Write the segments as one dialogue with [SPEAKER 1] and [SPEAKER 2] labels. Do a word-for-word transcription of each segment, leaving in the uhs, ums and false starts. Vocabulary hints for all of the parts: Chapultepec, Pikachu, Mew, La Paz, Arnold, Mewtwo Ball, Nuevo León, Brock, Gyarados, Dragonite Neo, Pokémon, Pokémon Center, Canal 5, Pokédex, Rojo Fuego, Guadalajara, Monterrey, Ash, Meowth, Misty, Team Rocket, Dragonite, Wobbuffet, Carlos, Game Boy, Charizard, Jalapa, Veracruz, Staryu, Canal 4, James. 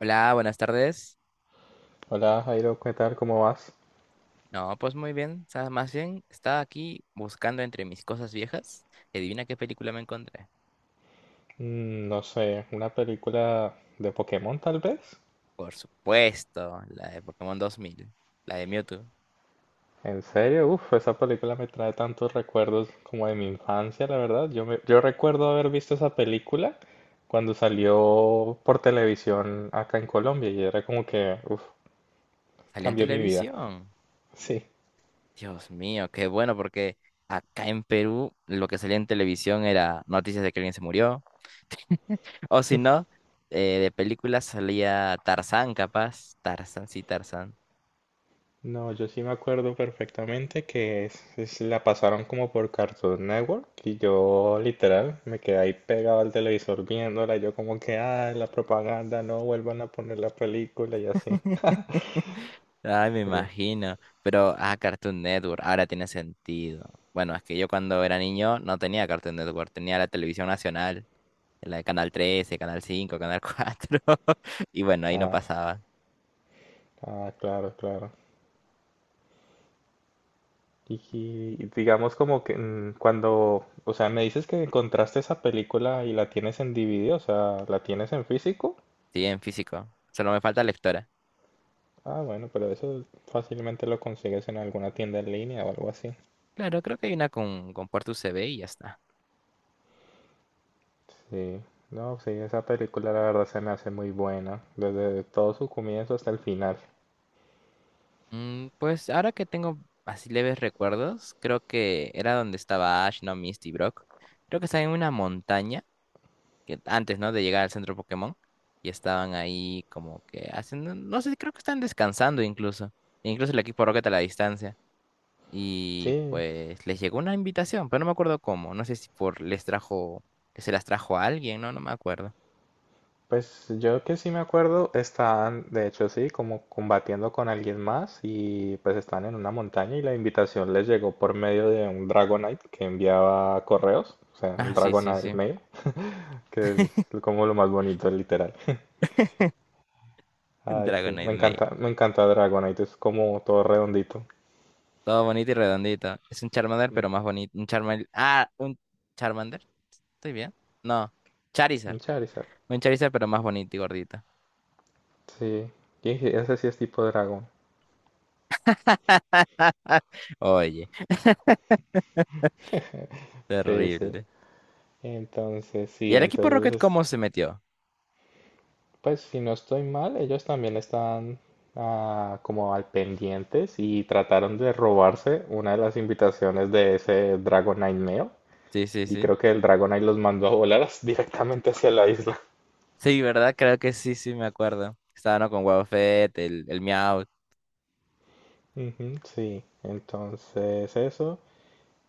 [SPEAKER 1] Hola, buenas tardes.
[SPEAKER 2] Hola Jairo, ¿qué tal? ¿Cómo vas?
[SPEAKER 1] No, pues muy bien. sa- Más bien, estaba aquí buscando entre mis cosas viejas y adivina qué película me encontré.
[SPEAKER 2] Mm, no sé, una película de Pokémon tal vez.
[SPEAKER 1] Por supuesto, la de Pokémon dos mil, la de Mewtwo.
[SPEAKER 2] ¿En serio? Uf, esa película me trae tantos recuerdos como de mi infancia, la verdad. Yo, me- yo recuerdo haber visto esa película cuando salió por televisión acá en Colombia y era como que, uf,
[SPEAKER 1] Salió en
[SPEAKER 2] cambió mi vida.
[SPEAKER 1] televisión.
[SPEAKER 2] Sí.
[SPEAKER 1] Dios mío, qué bueno porque acá en Perú lo que salía en televisión era noticias de que alguien se murió. O si no, eh, de películas salía Tarzán, capaz. Tarzán, sí, Tarzán.
[SPEAKER 2] No, yo sí me acuerdo perfectamente que es- es- la pasaron como por Cartoon Network, y yo literal me quedé ahí pegado al televisor viéndola, yo como que, ah, la propaganda, no vuelvan a poner la película y así.
[SPEAKER 1] Ay, me
[SPEAKER 2] Sí,
[SPEAKER 1] imagino. Pero, ah, Cartoon Network, ahora tiene sentido. Bueno, es que yo cuando era niño no tenía Cartoon Network, tenía la televisión nacional, la de Canal trece, Canal cinco, Canal cuatro. Y bueno, ahí no
[SPEAKER 2] ah,
[SPEAKER 1] pasaba.
[SPEAKER 2] ah, claro, claro. Y, y digamos como que mm, cuando, o sea, me dices que encontraste esa película y la tienes en D V D, o sea, ¿la tienes en físico?
[SPEAKER 1] Sí, en físico. Solo me falta lectora.
[SPEAKER 2] Ah, bueno, pero eso fácilmente lo consigues en alguna tienda en línea o algo así.
[SPEAKER 1] Claro, creo que hay una con, con puerto U S B y ya está.
[SPEAKER 2] Sí, no, sí, esa película la verdad se me hace muy buena, desde todo su comienzo hasta el final.
[SPEAKER 1] Mm, pues ahora que tengo así leves recuerdos, creo que era donde estaba Ash, no Misty, Brock. Creo que estaba en una montaña que antes, ¿no? De llegar al centro Pokémon. Y estaban ahí como que haciendo, no sé, creo que están descansando incluso. E incluso el equipo Rocket a la distancia. Y
[SPEAKER 2] Sí,
[SPEAKER 1] pues les llegó una invitación, pero no me acuerdo cómo. No sé si por les trajo, se las trajo a alguien, ¿no? No me acuerdo.
[SPEAKER 2] pues yo que sí me acuerdo, están, de hecho sí, como combatiendo con alguien más, y pues están en una montaña y la invitación les llegó por medio de un Dragonite que enviaba correos, o sea, un
[SPEAKER 1] Ah, sí, sí,
[SPEAKER 2] Dragonite
[SPEAKER 1] sí.
[SPEAKER 2] mail, que es como lo más bonito, literal.
[SPEAKER 1] Un
[SPEAKER 2] Ay, sí,
[SPEAKER 1] Dragonite
[SPEAKER 2] me
[SPEAKER 1] Mail.
[SPEAKER 2] encanta, me encanta Dragonite, es como todo redondito.
[SPEAKER 1] Todo bonito y redondito. Es un Charmander,
[SPEAKER 2] Mm.
[SPEAKER 1] pero más bonito. Un Charmander. Ah, un Charmander. ¿Estoy bien? No. Charizard.
[SPEAKER 2] Un Charizard.
[SPEAKER 1] Un Charizard, pero más bonito y gordito.
[SPEAKER 2] Sí, y sí, ese sí es tipo dragón.
[SPEAKER 1] Oye,
[SPEAKER 2] Sí, sí.
[SPEAKER 1] terrible.
[SPEAKER 2] Entonces,
[SPEAKER 1] ¿Y
[SPEAKER 2] sí,
[SPEAKER 1] el equipo Rocket
[SPEAKER 2] entonces,
[SPEAKER 1] cómo se metió?
[SPEAKER 2] pues si no estoy mal, ellos también están ah, como al pendientes, y trataron de robarse una de las invitaciones de ese Dragonite Neo.
[SPEAKER 1] Sí, sí,
[SPEAKER 2] Y
[SPEAKER 1] sí.
[SPEAKER 2] creo que el Dragonite los mandó a volar as- directamente hacia la isla.
[SPEAKER 1] Sí, ¿verdad? Creo que sí, sí, me acuerdo. Estaba, ¿no? Con Wobbuffet, el, el Meowth.
[SPEAKER 2] Ujú, sí, entonces eso.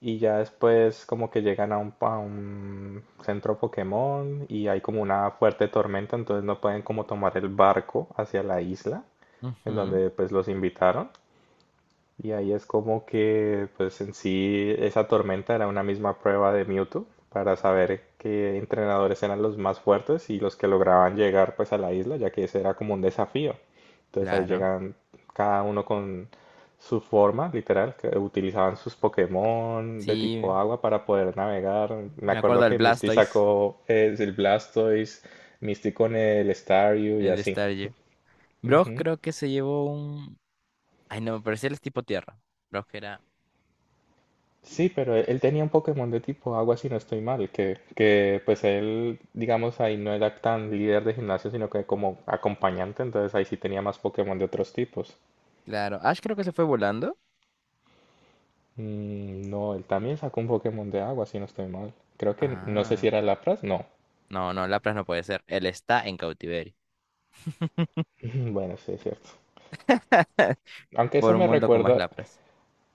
[SPEAKER 2] Y ya después como que llegan a un, a un centro Pokémon, y hay como una fuerte tormenta, entonces no pueden como tomar el barco hacia la isla en
[SPEAKER 1] Ujú,
[SPEAKER 2] donde pues los invitaron. Y ahí es como que, pues en sí, esa tormenta era una misma prueba de Mewtwo para saber qué entrenadores eran los más fuertes y los que lograban llegar pues a la isla, ya que ese era como un desafío. Entonces ahí
[SPEAKER 1] claro.
[SPEAKER 2] llegan cada uno con su forma, literal, que utilizaban sus Pokémon de tipo
[SPEAKER 1] Sí,
[SPEAKER 2] agua para poder navegar. Me
[SPEAKER 1] me acuerdo
[SPEAKER 2] acuerdo
[SPEAKER 1] del
[SPEAKER 2] que Misty
[SPEAKER 1] Blastoise,
[SPEAKER 2] sacó eh, el Blastoise, Misty con el Staryu y
[SPEAKER 1] el de
[SPEAKER 2] así.
[SPEAKER 1] Staryu. Brock creo que se llevó un... Ay, no, me parecía el tipo tierra. Brock era...
[SPEAKER 2] Sí, pero él él tenía un Pokémon de tipo agua, si no estoy mal, que, que pues él, digamos, ahí no era tan líder de gimnasio, sino que como acompañante, entonces ahí sí tenía más Pokémon de otros tipos.
[SPEAKER 1] Claro. Ash creo que se fue volando.
[SPEAKER 2] Mm, no, él también sacó un Pokémon de agua, si no estoy mal. Creo que no sé si
[SPEAKER 1] Ah.
[SPEAKER 2] era Lapras, no.
[SPEAKER 1] No, no, Lapras no puede ser. Él está en cautiverio.
[SPEAKER 2] Bueno, sí, es cierto. Aunque eso
[SPEAKER 1] Por un
[SPEAKER 2] me
[SPEAKER 1] mundo con más
[SPEAKER 2] recuerda,
[SPEAKER 1] Lapras.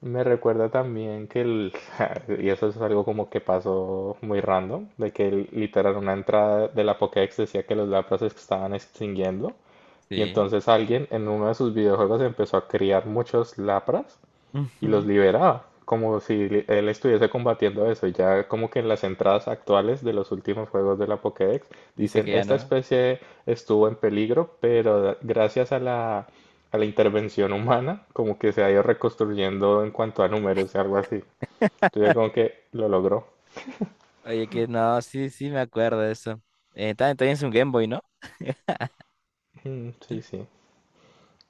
[SPEAKER 2] me recuerda también que el, y eso es algo como que pasó muy random, de que el- literal una entrada de la Pokédex decía que los Lapras se estaban extinguiendo. Y
[SPEAKER 1] Sí.
[SPEAKER 2] entonces alguien en uno de sus videojuegos empezó a criar muchos lapras y
[SPEAKER 1] Ujú.
[SPEAKER 2] los liberaba, como si li- él estuviese combatiendo eso. Y ya como que en las entradas actuales de los últimos juegos de la Pokédex
[SPEAKER 1] Dice
[SPEAKER 2] dicen,
[SPEAKER 1] que ya
[SPEAKER 2] esta
[SPEAKER 1] no.
[SPEAKER 2] especie estuvo en peligro, pero da- gracias a la, a la intervención humana, como que se ha ido reconstruyendo en cuanto a números, algo así. Entonces como que lo logró.
[SPEAKER 1] Oye, que no, sí, sí me acuerdo de eso. Eh, también, también es un Game Boy, ¿no?
[SPEAKER 2] Mm, sí, sí.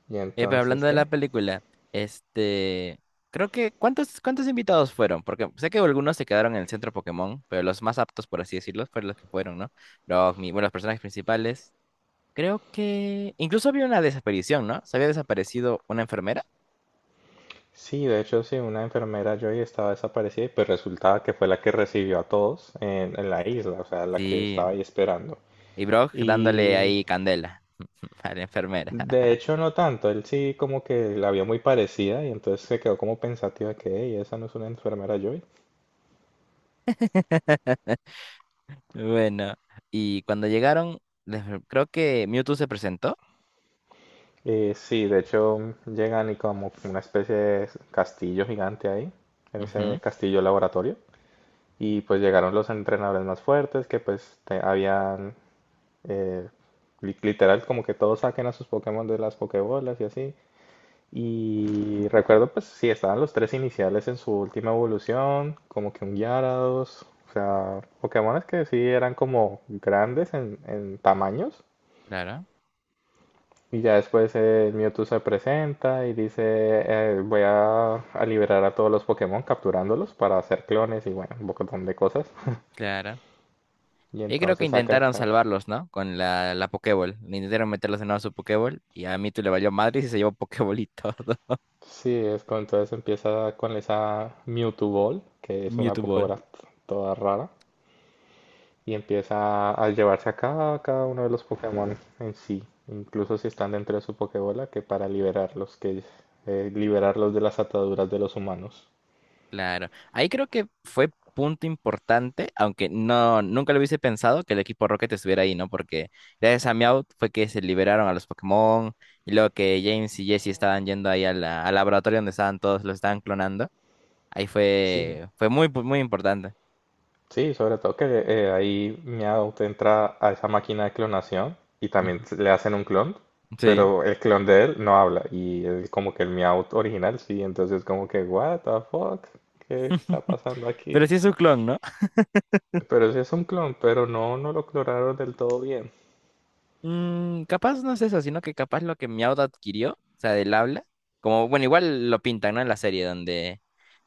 [SPEAKER 2] Y
[SPEAKER 1] Eh, pero
[SPEAKER 2] entonces,
[SPEAKER 1] hablando de la
[SPEAKER 2] ¿qué?
[SPEAKER 1] película, este, creo que, ¿cuántos, cuántos invitados fueron? Porque sé que algunos se quedaron en el centro Pokémon, pero los más aptos, por así decirlo, fueron los que fueron, ¿no? Los, mi- bueno, los personajes principales. Creo que incluso había una desaparición, ¿no? Se había desaparecido una enfermera.
[SPEAKER 2] Sí, de hecho, sí, una enfermera Joy estaba desaparecida, y pues resultaba que fue la que recibió a todos en, en la isla, o sea, la que
[SPEAKER 1] Sí.
[SPEAKER 2] estaba ahí esperando.
[SPEAKER 1] Y Brock dándole
[SPEAKER 2] Y
[SPEAKER 1] ahí candela a la enfermera.
[SPEAKER 2] de hecho no tanto, él sí como que la vio muy parecida y entonces se quedó como pensativa que, "Ey, esa no es una enfermera Joy".
[SPEAKER 1] Bueno, y cuando llegaron, les- creo que Mewtwo se presentó.
[SPEAKER 2] Eh, sí, de hecho llegan y como una especie de castillo gigante ahí, en ese
[SPEAKER 1] Ujú.
[SPEAKER 2] castillo laboratorio. Y pues llegaron los entrenadores más fuertes que pues te- habían eh, li- literal, como que todos saquen a sus Pokémon de las Pokébolas y así. Y recuerdo, pues sí, estaban los tres iniciales en su última evolución, como que un Gyarados, o sea, Pokémones que sí eran como grandes en, en tamaños.
[SPEAKER 1] Claro,
[SPEAKER 2] Y ya después el Mewtwo se presenta y dice, eh, voy a, a liberar a todos los Pokémon capturándolos para hacer clones y bueno, un montón de cosas.
[SPEAKER 1] claro.
[SPEAKER 2] Y
[SPEAKER 1] Y creo que
[SPEAKER 2] entonces
[SPEAKER 1] intentaron
[SPEAKER 2] saca.
[SPEAKER 1] salvarlos, ¿no? Con la, la Pokéball. Intentaron meterlos de nuevo a su Pokéball y a Mewtwo le valió madre y se llevó Pokéball y todo.
[SPEAKER 2] Sí, es cuando entonces empieza con esa Mewtwo Ball, que es una
[SPEAKER 1] Mewtwo Ball.
[SPEAKER 2] Pokébola t- toda rara, y empieza a llevarse a cada, cada uno de los Pokémon en sí, incluso si están dentro de su Pokébola, que para liberarlos, que eh, liberarlos de las ataduras de los humanos.
[SPEAKER 1] Claro. Ahí creo que fue punto importante, aunque no, nunca lo hubiese pensado que el equipo Rocket estuviera ahí, ¿no? Porque gracias a Meowth fue que se liberaron a los Pokémon y luego que James y Jesse estaban yendo ahí a la- al laboratorio donde estaban todos, los estaban clonando. Ahí
[SPEAKER 2] Sí,
[SPEAKER 1] fue, fue muy, pu- muy importante.
[SPEAKER 2] sí, sobre todo que eh, ahí Meow te entra a esa máquina de clonación y
[SPEAKER 1] Ujú.
[SPEAKER 2] también s- le hacen un clon,
[SPEAKER 1] Sí.
[SPEAKER 2] pero el clon de él no habla y es como que el Meow original sí, entonces como que what the fuck, ¿qué está pasando
[SPEAKER 1] Pero
[SPEAKER 2] aquí?
[SPEAKER 1] sí es un clon, ¿no?
[SPEAKER 2] Pero sí es un clon, pero no, no lo clonaron del todo bien.
[SPEAKER 1] Mm, capaz no es eso, sino que capaz lo que Meowth adquirió, o sea, del habla, como, bueno, igual lo pintan, ¿no? En la serie donde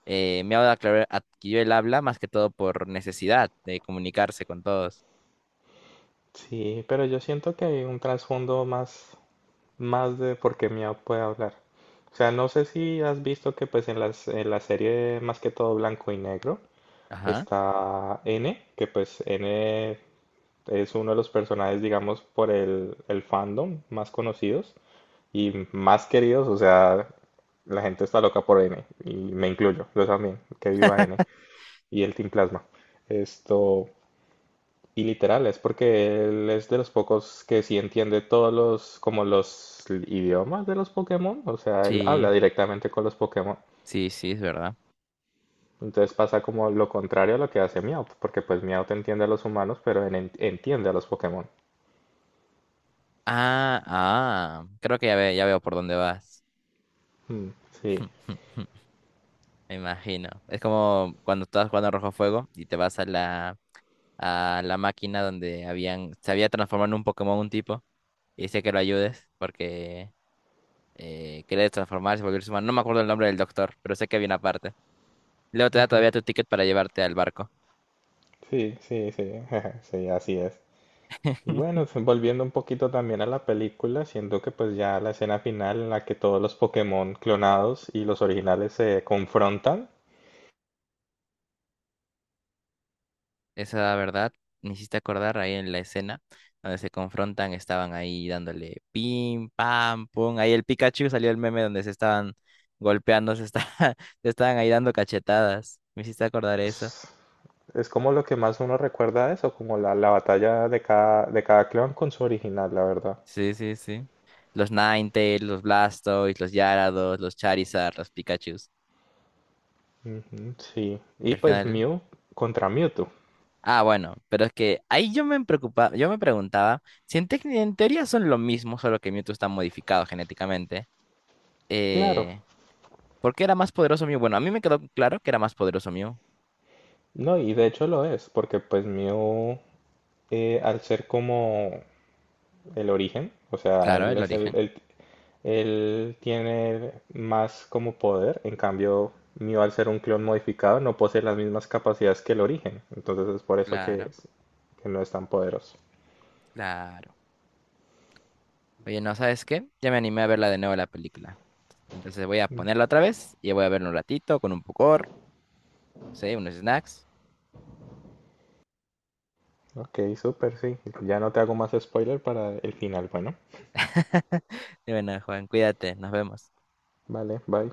[SPEAKER 1] eh, Meowth aclar- adquirió el habla más que todo por necesidad de comunicarse con todos.
[SPEAKER 2] Sí, pero yo siento que hay un trasfondo más, más de por qué Meow puede hablar. O sea, no sé si has visto que pues en las, en la serie más que todo blanco y negro,
[SPEAKER 1] Ajá,
[SPEAKER 2] está N, que pues N es uno de los personajes, digamos, por el, el fandom más conocidos y más queridos. O sea, la gente está loca por N, y me incluyo, yo también, que viva N y el Team Plasma. Esto, y literal, es porque él es de los pocos que sí entiende todos los, como los idiomas de los Pokémon. O sea, él
[SPEAKER 1] sí,
[SPEAKER 2] habla directamente con los Pokémon.
[SPEAKER 1] sí, sí, es verdad.
[SPEAKER 2] Entonces pasa como lo contrario a lo que hace Meowth, porque pues Meowth entiende a los humanos, pero en- en- entiende a los Pokémon.
[SPEAKER 1] Ah, ah, creo que ya, ve- ya veo por dónde vas.
[SPEAKER 2] Mm, sí,
[SPEAKER 1] Me imagino. Es como cuando estabas jugando a Rojo Fuego y te vas a la, a la máquina donde habían, se había transformado en un Pokémon un tipo y dice que lo ayudes porque... eh, que transformarse, volverse humano. No me acuerdo el nombre del doctor, pero sé que había una parte. Luego te da
[SPEAKER 2] ujú,
[SPEAKER 1] todavía tu ticket para llevarte al barco.
[SPEAKER 2] sí, sí, sí, sí, así es. Y bueno, f- volviendo un poquito también a la película, siento que pues ya la escena final en la que todos los Pokémon clonados y los originales se confrontan,
[SPEAKER 1] Esa verdad, me hiciste acordar ahí en la escena donde se confrontan, estaban ahí dándole pim, pam, pum. Ahí el Pikachu salió el meme donde se estaban golpeando, se, esta- se estaban ahí dando cachetadas. Me hiciste acordar eso.
[SPEAKER 2] es como lo que más uno recuerda de eso, como la, la batalla de cada, de cada clon con su original, la verdad.
[SPEAKER 1] Sí, sí, sí. Los Ninetales, los Blastoise, los Gyarados, los Charizard, los Pikachus.
[SPEAKER 2] Ujú, sí,
[SPEAKER 1] Y
[SPEAKER 2] y
[SPEAKER 1] al
[SPEAKER 2] pues
[SPEAKER 1] final.
[SPEAKER 2] Mew contra Mewtwo,
[SPEAKER 1] Ah, bueno, pero es que ahí yo me preocupaba, yo me preguntaba si en, tec- en teoría son lo mismo, solo que Mewtwo está modificado genéticamente.
[SPEAKER 2] claro.
[SPEAKER 1] Eh, ¿por qué era más poderoso Mew? Bueno, a mí me quedó claro que era más poderoso Mew.
[SPEAKER 2] No, y de hecho lo es, porque pues Mew, eh, al ser como el origen, o sea,
[SPEAKER 1] Claro,
[SPEAKER 2] él
[SPEAKER 1] el
[SPEAKER 2] es el,
[SPEAKER 1] origen.
[SPEAKER 2] el- él tiene más como poder, en cambio Mew al ser un clon modificado no posee las mismas capacidades que el origen, entonces es por eso que,
[SPEAKER 1] Claro,
[SPEAKER 2] es- que no es tan poderoso.
[SPEAKER 1] claro. Oye, ¿no sabes qué? Ya me animé a verla de nuevo la película. Entonces voy a ponerla otra vez y voy a verla un ratito con un pocor, sí, unos snacks.
[SPEAKER 2] Ok, súper, sí, ya no te hago más spoiler para el final, bueno,
[SPEAKER 1] Y bueno, Juan, cuídate, nos vemos.
[SPEAKER 2] vale, bye.